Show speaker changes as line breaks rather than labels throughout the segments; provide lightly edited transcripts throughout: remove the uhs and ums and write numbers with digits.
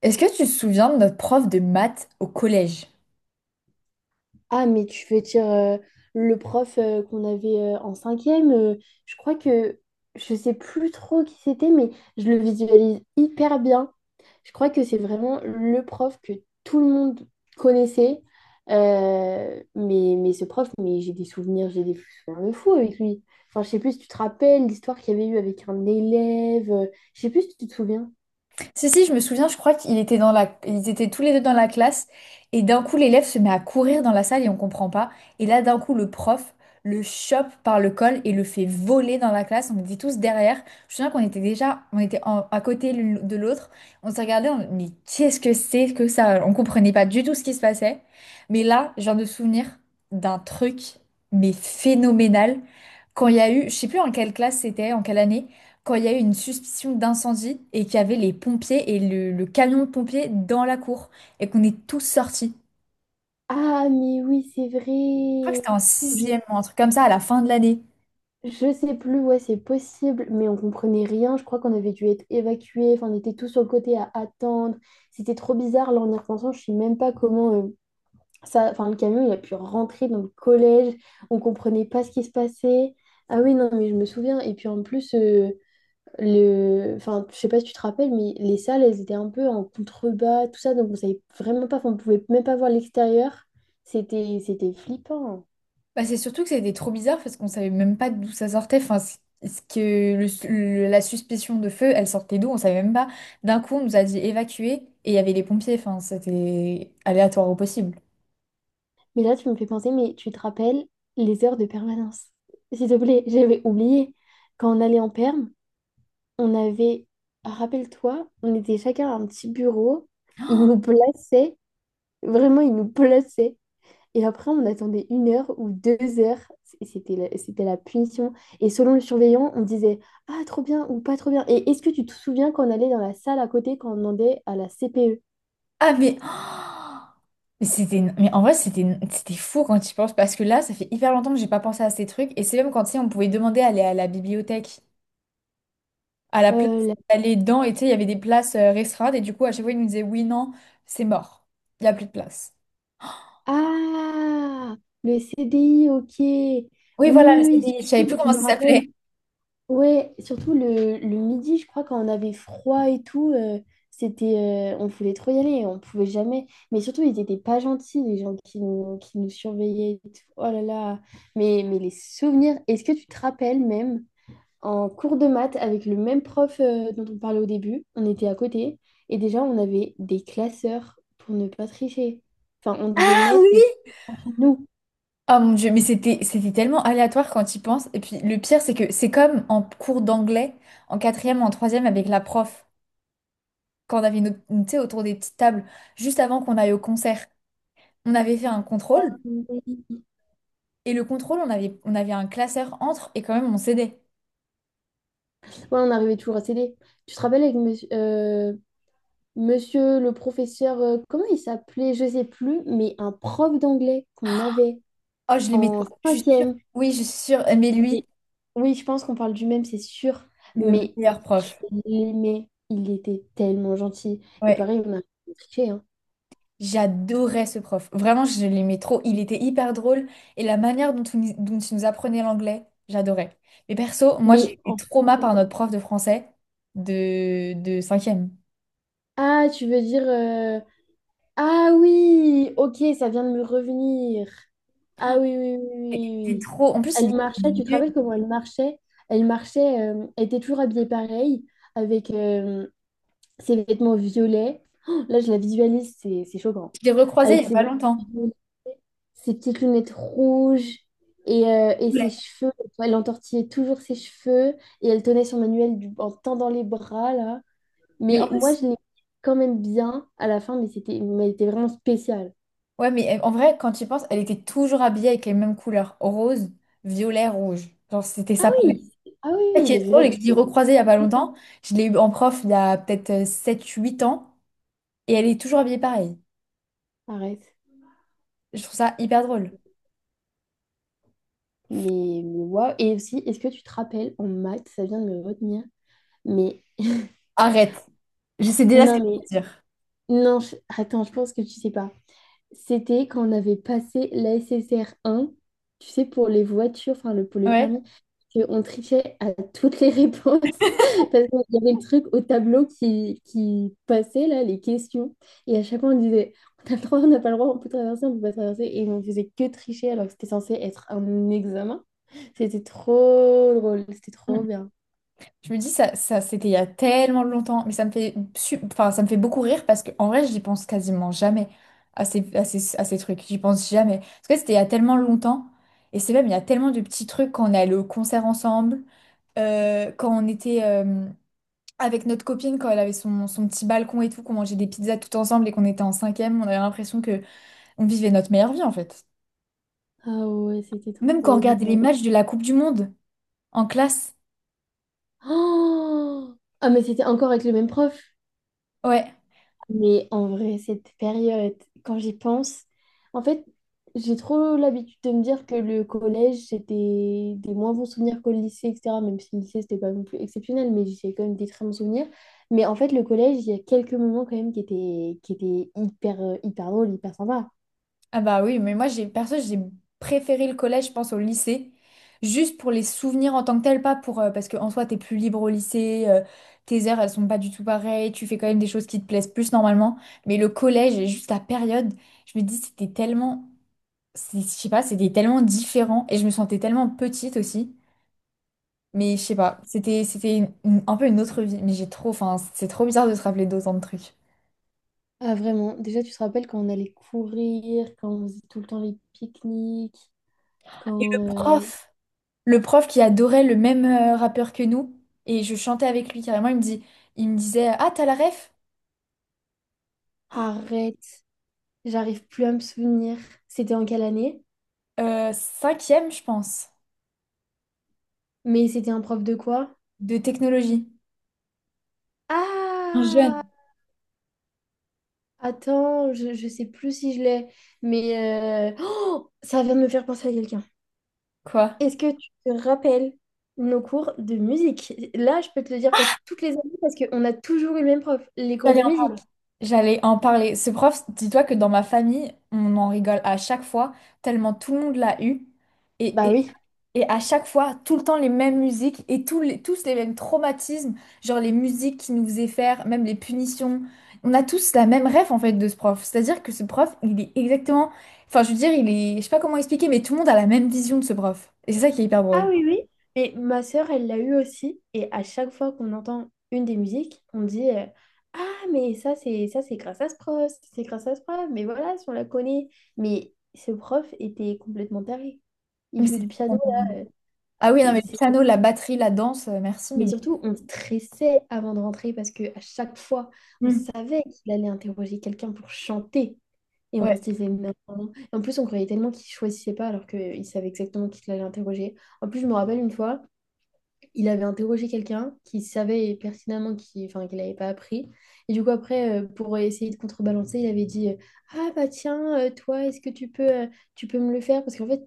Est-ce que tu te souviens de notre prof de maths au collège?
Ah, mais tu veux dire le prof qu'on avait en cinquième, je crois que je sais plus trop qui c'était, mais je le visualise hyper bien. Je crois que c'est vraiment le prof que tout le monde connaissait. Mais ce prof, mais j'ai des souvenirs de fou avec lui. Enfin, je sais plus si tu te rappelles l'histoire qu'il y avait eu avec un élève, je sais plus si tu te souviens.
Si, si, je me souviens, je crois qu'ils étaient dans la... ils étaient tous les deux dans la classe et d'un coup l'élève se met à courir dans la salle et on comprend pas. Et là, d'un coup, le prof le chope par le col et le fait voler dans la classe. On était tous derrière. Je me souviens qu'on était déjà à côté l'une de l'autre. On se regardait, on... mais qu'est-ce que c'est que ça? On comprenait pas du tout ce qui se passait. Mais là, je viens de me souvenir d'un truc, mais phénoménal. Quand il y a eu, je sais plus en quelle classe c'était, en quelle année, quand il y a eu une suspicion d'incendie et qu'il y avait les pompiers et le camion de pompiers dans la cour et qu'on est tous sortis.
Ah, mais oui, c'est
Je crois que
vrai.
c'était en
Je-
sixième, un truc comme ça, à la fin de l'année.
Je sais plus, ouais, c'est possible, mais on comprenait rien. Je crois qu'on avait dû être évacués. Enfin, on était tous sur le côté à attendre. C'était trop bizarre. Là, en y repensant, je sais même pas comment ça. Enfin, le camion, il a pu rentrer dans le collège. On comprenait pas ce qui se passait. Ah oui, non, mais je me souviens. Et puis en plus, le. Enfin, je sais pas si tu te rappelles, mais les salles, elles étaient un peu en contrebas, tout ça. Donc, on savait vraiment pas. Enfin, on pouvait même pas voir l'extérieur. C'était flippant.
Bah, c'est surtout que c'était trop bizarre parce qu'on savait même pas d'où ça sortait. Enfin, c- ce que le- la suspicion de feu, elle sortait d'où? On savait même pas. D'un coup, on nous a dit évacuer et il y avait les pompiers. Enfin, c'était aléatoire au possible.
Mais là, tu me fais penser, mais tu te rappelles les heures de permanence. S'il te plaît, j'avais oublié. Quand on allait en perm, on avait, rappelle-toi, on était chacun à un petit bureau. Ils nous plaçaient, vraiment, ils nous plaçaient. Et après, on attendait 1 heure ou 2 heures. Et c'était la punition. Et selon le surveillant, on disait, ah, trop bien ou pas trop bien. Et est-ce que tu te souviens quand on allait dans la salle à côté, quand on demandait à la CPE?
Ah, mais, oh, mais mais en vrai, c'était fou quand tu y penses parce que là, ça fait hyper longtemps que j'ai pas pensé à ces trucs. Et c'est même quand, tu sais, on pouvait demander à aller à la bibliothèque, à la place
Euh,
d'aller dedans. Et tu sais, il y avait des places restreintes. Et du coup, à chaque fois, ils nous disaient, oui, non, c'est mort. Il n'y a plus de place.
Ah, le CDI, ok.
Oui,
Oui, oui,
voilà, le
oui,
CDI. Je savais plus
surtout, je
comment
me
ça s'appelait.
rappelle. Ouais, surtout le midi, je crois, quand on avait froid et tout, on voulait trop y aller, on pouvait jamais. Mais surtout, ils étaient pas gentils, les gens qui nous surveillaient et tout. Oh là là. Mais les souvenirs, est-ce que tu te rappelles même en cours de maths avec le même prof dont on parlait au début? On était à côté et déjà on avait des classeurs pour ne pas tricher. Enfin, on devait
Ah
mettre
oui!
des entre nous.
Oh mon Dieu, mais c'était tellement aléatoire quand tu y penses. Et puis le pire, c'est que c'est comme en cours d'anglais, en quatrième ou en troisième avec la prof, quand on avait une, tu sais, autour des petites tables, juste avant qu'on aille au concert, on avait fait un contrôle.
Ouais,
Et le contrôle, on avait un classeur entre et quand même on cédait.
on arrivait toujours à s'aider. Tu te rappelles avec monsieur, monsieur le professeur, comment il s'appelait? Je sais plus, mais un prof d'anglais qu'on avait
Oh, je les mettais,
en
je suis sûre.
cinquième.
Oui, je suis sûre. Mais lui,
Mais- oui, je pense qu'on parle du même, c'est sûr.
le
Mais
meilleur
je
prof.
l'aimais. Il était tellement gentil. Et
Ouais,
pareil, on a triché, hein.
j'adorais ce prof. Vraiment, je l'aimais trop. Il était hyper drôle et la manière dont il nous apprenait l'anglais, j'adorais. Mais perso, moi,
Mais
j'ai été
en-
trauma par notre prof de français de cinquième.
ah, tu veux dire ah oui, ok, ça vient de me revenir. Ah oui, oui, oui, oui,
Il était
oui, oui.
trop... En plus, il
Elle
était
marchait, tu te
vieux.
rappelles comment elle marchait? Elle marchait, elle était toujours habillée pareil, avec ses vêtements violets. Oh, là, je la visualise, c'est choquant.
Je l'ai recroisé il
Avec
n'y a
ses,
pas longtemps.
ses petites lunettes rouges et ses
Ouais.
cheveux. Elle entortillait toujours ses cheveux et elle tenait son manuel en tendant les bras, là.
Mais en
Mais moi,
plus,
je l'ai quand même bien à la fin, mais elle était vraiment spécial.
ouais, mais en vrai, quand tu y penses, elle était toujours habillée avec les mêmes couleurs, rose, violet, rouge. Genre, c'était
Ah
sa palette.
oui, ah oui,
Ça
oui,
qui
le
est drôle
violet,
et que je l'ai recroisée il n'y a pas longtemps. Je l'ai eu en prof il y a peut-être sept, huit ans et elle est toujours habillée pareil.
arrête.
Je trouve ça hyper drôle.
Mais waouh. Et aussi, est-ce que tu te rappelles en maths, ça vient de me retenir, mais
Arrête. Je sais déjà ce que
non, mais
tu vas dire.
non, attends, je pense que tu sais pas. C'était quand on avait passé la SSR1, tu sais, pour les voitures, enfin pour le
Ouais.
permis, que on trichait à toutes les réponses parce qu'il y avait le truc au tableau qui passait, là, les questions. Et à chaque fois, on disait, on a le droit, on n'a pas le droit, on peut traverser, on peut pas traverser. Et on faisait que tricher alors que c'était censé être un examen. C'était trop drôle, c'était
Mm.
trop bien.
Je me dis, ça c'était il y a tellement longtemps, mais ça me fait, enfin, ça me fait beaucoup rire parce qu'en vrai, j'y pense quasiment jamais à ces trucs. J'y pense jamais. Parce que c'était il y a tellement longtemps. Et c'est même, il y a tellement de petits trucs quand on est allé au concert ensemble, quand on était avec notre copine, quand elle avait son, son petit balcon et tout, qu'on mangeait des pizzas tout ensemble et qu'on était en cinquième, on avait l'impression que on vivait notre meilleure vie en fait.
Ah ouais, c'était
Même quand on
trop
regardait les
bien.
matchs de la Coupe du Monde. En classe?
Oh ah, mais c'était encore avec le même prof.
Ouais.
Mais en vrai, cette période, quand j'y pense, en fait, j'ai trop l'habitude de me dire que le collège, c'était des moins bons souvenirs qu'au lycée, etc. Même si le lycée, c'était pas non plus exceptionnel, mais j'ai quand même des très bons souvenirs. Mais en fait, le collège, il y a quelques moments quand même qui étaient hyper, hyper drôles, hyper sympas.
Ah bah oui, mais moi j'ai perso j'ai préféré le collège, je pense, au lycée. Juste pour les souvenirs en tant que tel, pas pour parce qu'en soi t'es plus libre au lycée, tes heures elles sont pas du tout pareilles, tu fais quand même des choses qui te plaisent plus normalement. Mais le collège et juste la période, je me dis c'était tellement, je sais pas, c'était tellement différent et je me sentais tellement petite aussi. Mais je sais pas, un peu une autre vie. Mais j'ai trop, enfin c'est trop bizarre de se rappeler d'autant de trucs.
Ah, vraiment. Déjà, tu te rappelles quand on allait courir, quand on faisait tout le temps les pique-niques,
Et le
quand... euh,
prof? Le prof qui adorait le même rappeur que nous et je chantais avec lui carrément. Il me disait, ah t'as la ref?
arrête, j'arrive plus à me souvenir. C'était en quelle année?
Cinquième, je pense,
Mais c'était un prof de quoi?
de technologie. Un jeune,
Ah, attends, je sais plus si je l'ai, mais oh, ça vient de me faire penser à quelqu'un.
quoi.
Est-ce que tu te rappelles nos cours de musique? Là, je peux te le dire pour toutes les années parce qu'on a toujours eu le même prof, les cours
J'allais
de
en parler.
musique.
J'allais en parler. Ce prof, dis-toi que dans ma famille, on en rigole à chaque fois, tellement tout le monde l'a eu.
Bah
Et,
oui.
Et à chaque fois, tout le temps les mêmes musiques et tous les mêmes traumatismes, genre les musiques qui nous faisaient faire, même les punitions. On a tous la même rêve en fait de ce prof. C'est-à-dire que ce prof, il est exactement. Enfin, je veux dire, il est. Je sais pas comment expliquer, mais tout le monde a la même vision de ce prof. Et c'est ça qui est hyper
Ah
drôle.
oui, oui. Mais ma sœur, elle l'a eu aussi. Et à chaque fois qu'on entend une des musiques, on dit ah, mais ça, c'est grâce à ce prof, c'est grâce à ce prof, mais voilà, si on la connaît. Mais ce prof était complètement taré. Il
Mais
jouait
c'est-
du piano.
Ah oui, non,
C'est-
mais le
c'est-
piano, la batterie, la danse, merci, mais.
Mais surtout, on stressait avant de rentrer parce que à chaque fois, on
Hmm.
savait qu'il allait interroger quelqu'un pour chanter. Et on
Ouais.
se disait, non. En plus, on croyait tellement qu'il choisissait pas alors qu'il savait exactement qui allait interroger. En plus, je me rappelle une fois, il avait interrogé quelqu'un qui savait pertinemment qu'il enfin, qu'il n'avait pas appris. Et du coup, après, pour essayer de contrebalancer, il avait dit, ah bah tiens, toi, est-ce que tu peux, tu peux me le faire? Parce qu'en fait,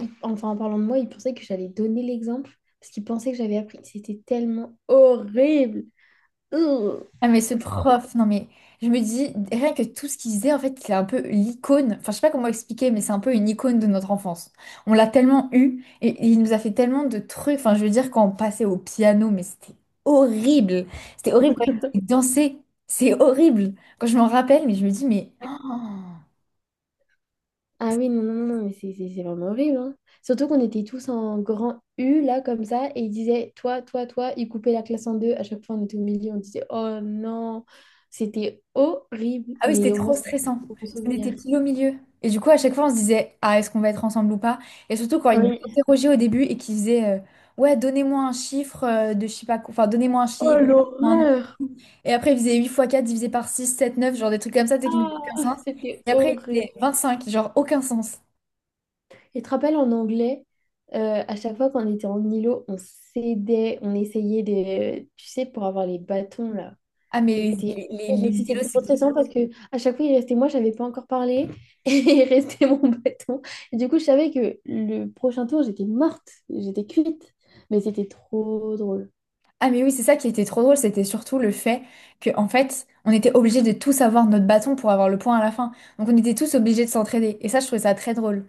enfin, en parlant de moi, il pensait que j'allais donner l'exemple, parce qu'il pensait que j'avais appris. C'était tellement horrible. Ugh.
Ah mais ce
Au secours.
prof, non mais je me dis, rien que tout ce qu'il disait, en fait, c'est un peu l'icône, enfin je sais pas comment expliquer, mais c'est un peu une icône de notre enfance. On l'a tellement eu, et il nous a fait tellement de trucs, enfin je veux dire quand on passait au piano, mais horrible, c'était horrible quand il nous faisait danser, c'est horrible. Quand je m'en rappelle, mais je me dis, mais... oh.
Ah oui, non, non, non, non, mais c'est vraiment horrible, hein. Surtout qu'on était tous en grand U, là, comme ça, et ils disaient, toi, toi, toi, ils coupaient la classe en deux. À chaque fois, on était au milieu, on disait, oh non, c'était horrible,
Ah oui, c'était
mais au moins,
trop
c'était
stressant.
un bon
Parce qu'on
souvenir.
était pile au milieu. Et du coup, à chaque fois, on se disait, ah, est-ce qu'on va être ensemble ou pas? Et surtout quand ils nous
Oui.
interrogeaient au début et qu'ils disaient, ouais, donnez-moi un chiffre de je sais pas quoi. Enfin, donnez-moi un
Oh,
chiffre. Donnez un nom.
l'horreur!
Et après, ils faisaient 8 fois 4 divisé par 6 7 9 genre des trucs comme ça, tu sais, qui n'avaient aucun
Ah,
sens.
c'était
Et après, ils
horrible.
faisaient 25 genre aucun sens.
Et tu te rappelles en anglais, à chaque fois qu'on était en îlot, on s'aidait, on essayait de, tu sais, pour avoir les bâtons là.
Ah, mais
C'était horrible
les
aussi, c'était
vélos,
trop
c'était.
stressant parce que à chaque fois il restait moi, j'avais pas encore parlé et il restait mon bâton. Et du coup, je savais que le prochain tour, j'étais morte, j'étais cuite, mais c'était trop drôle.
Ah, mais oui, c'est ça qui était trop drôle. C'était surtout le fait que, en fait, on était obligés de tous avoir notre bâton pour avoir le point à la fin. Donc, on était tous obligés de s'entraider. Et ça, je trouvais ça très drôle.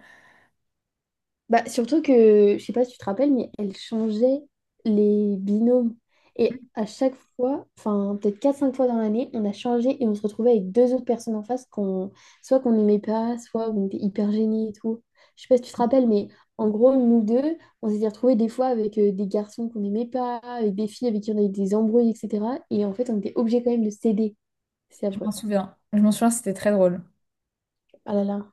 Bah, surtout que, je sais pas si tu te rappelles, mais elle changeait les binômes. Et à chaque fois, enfin peut-être quatre cinq fois dans l'année, on a changé et on se retrouvait avec deux autres personnes en face qu'on soit qu'on n'aimait pas, soit on était hyper gênés et tout. Je sais pas si tu te rappelles, mais en gros, nous deux, on s'était retrouvés des fois avec des garçons qu'on n'aimait pas, avec des filles avec qui on avait des embrouilles, etc. Et en fait, on était obligés quand même de céder. C'est
Je m'en
affreux.
souviens. Je m'en souviens, c'était très drôle.
Ah là là.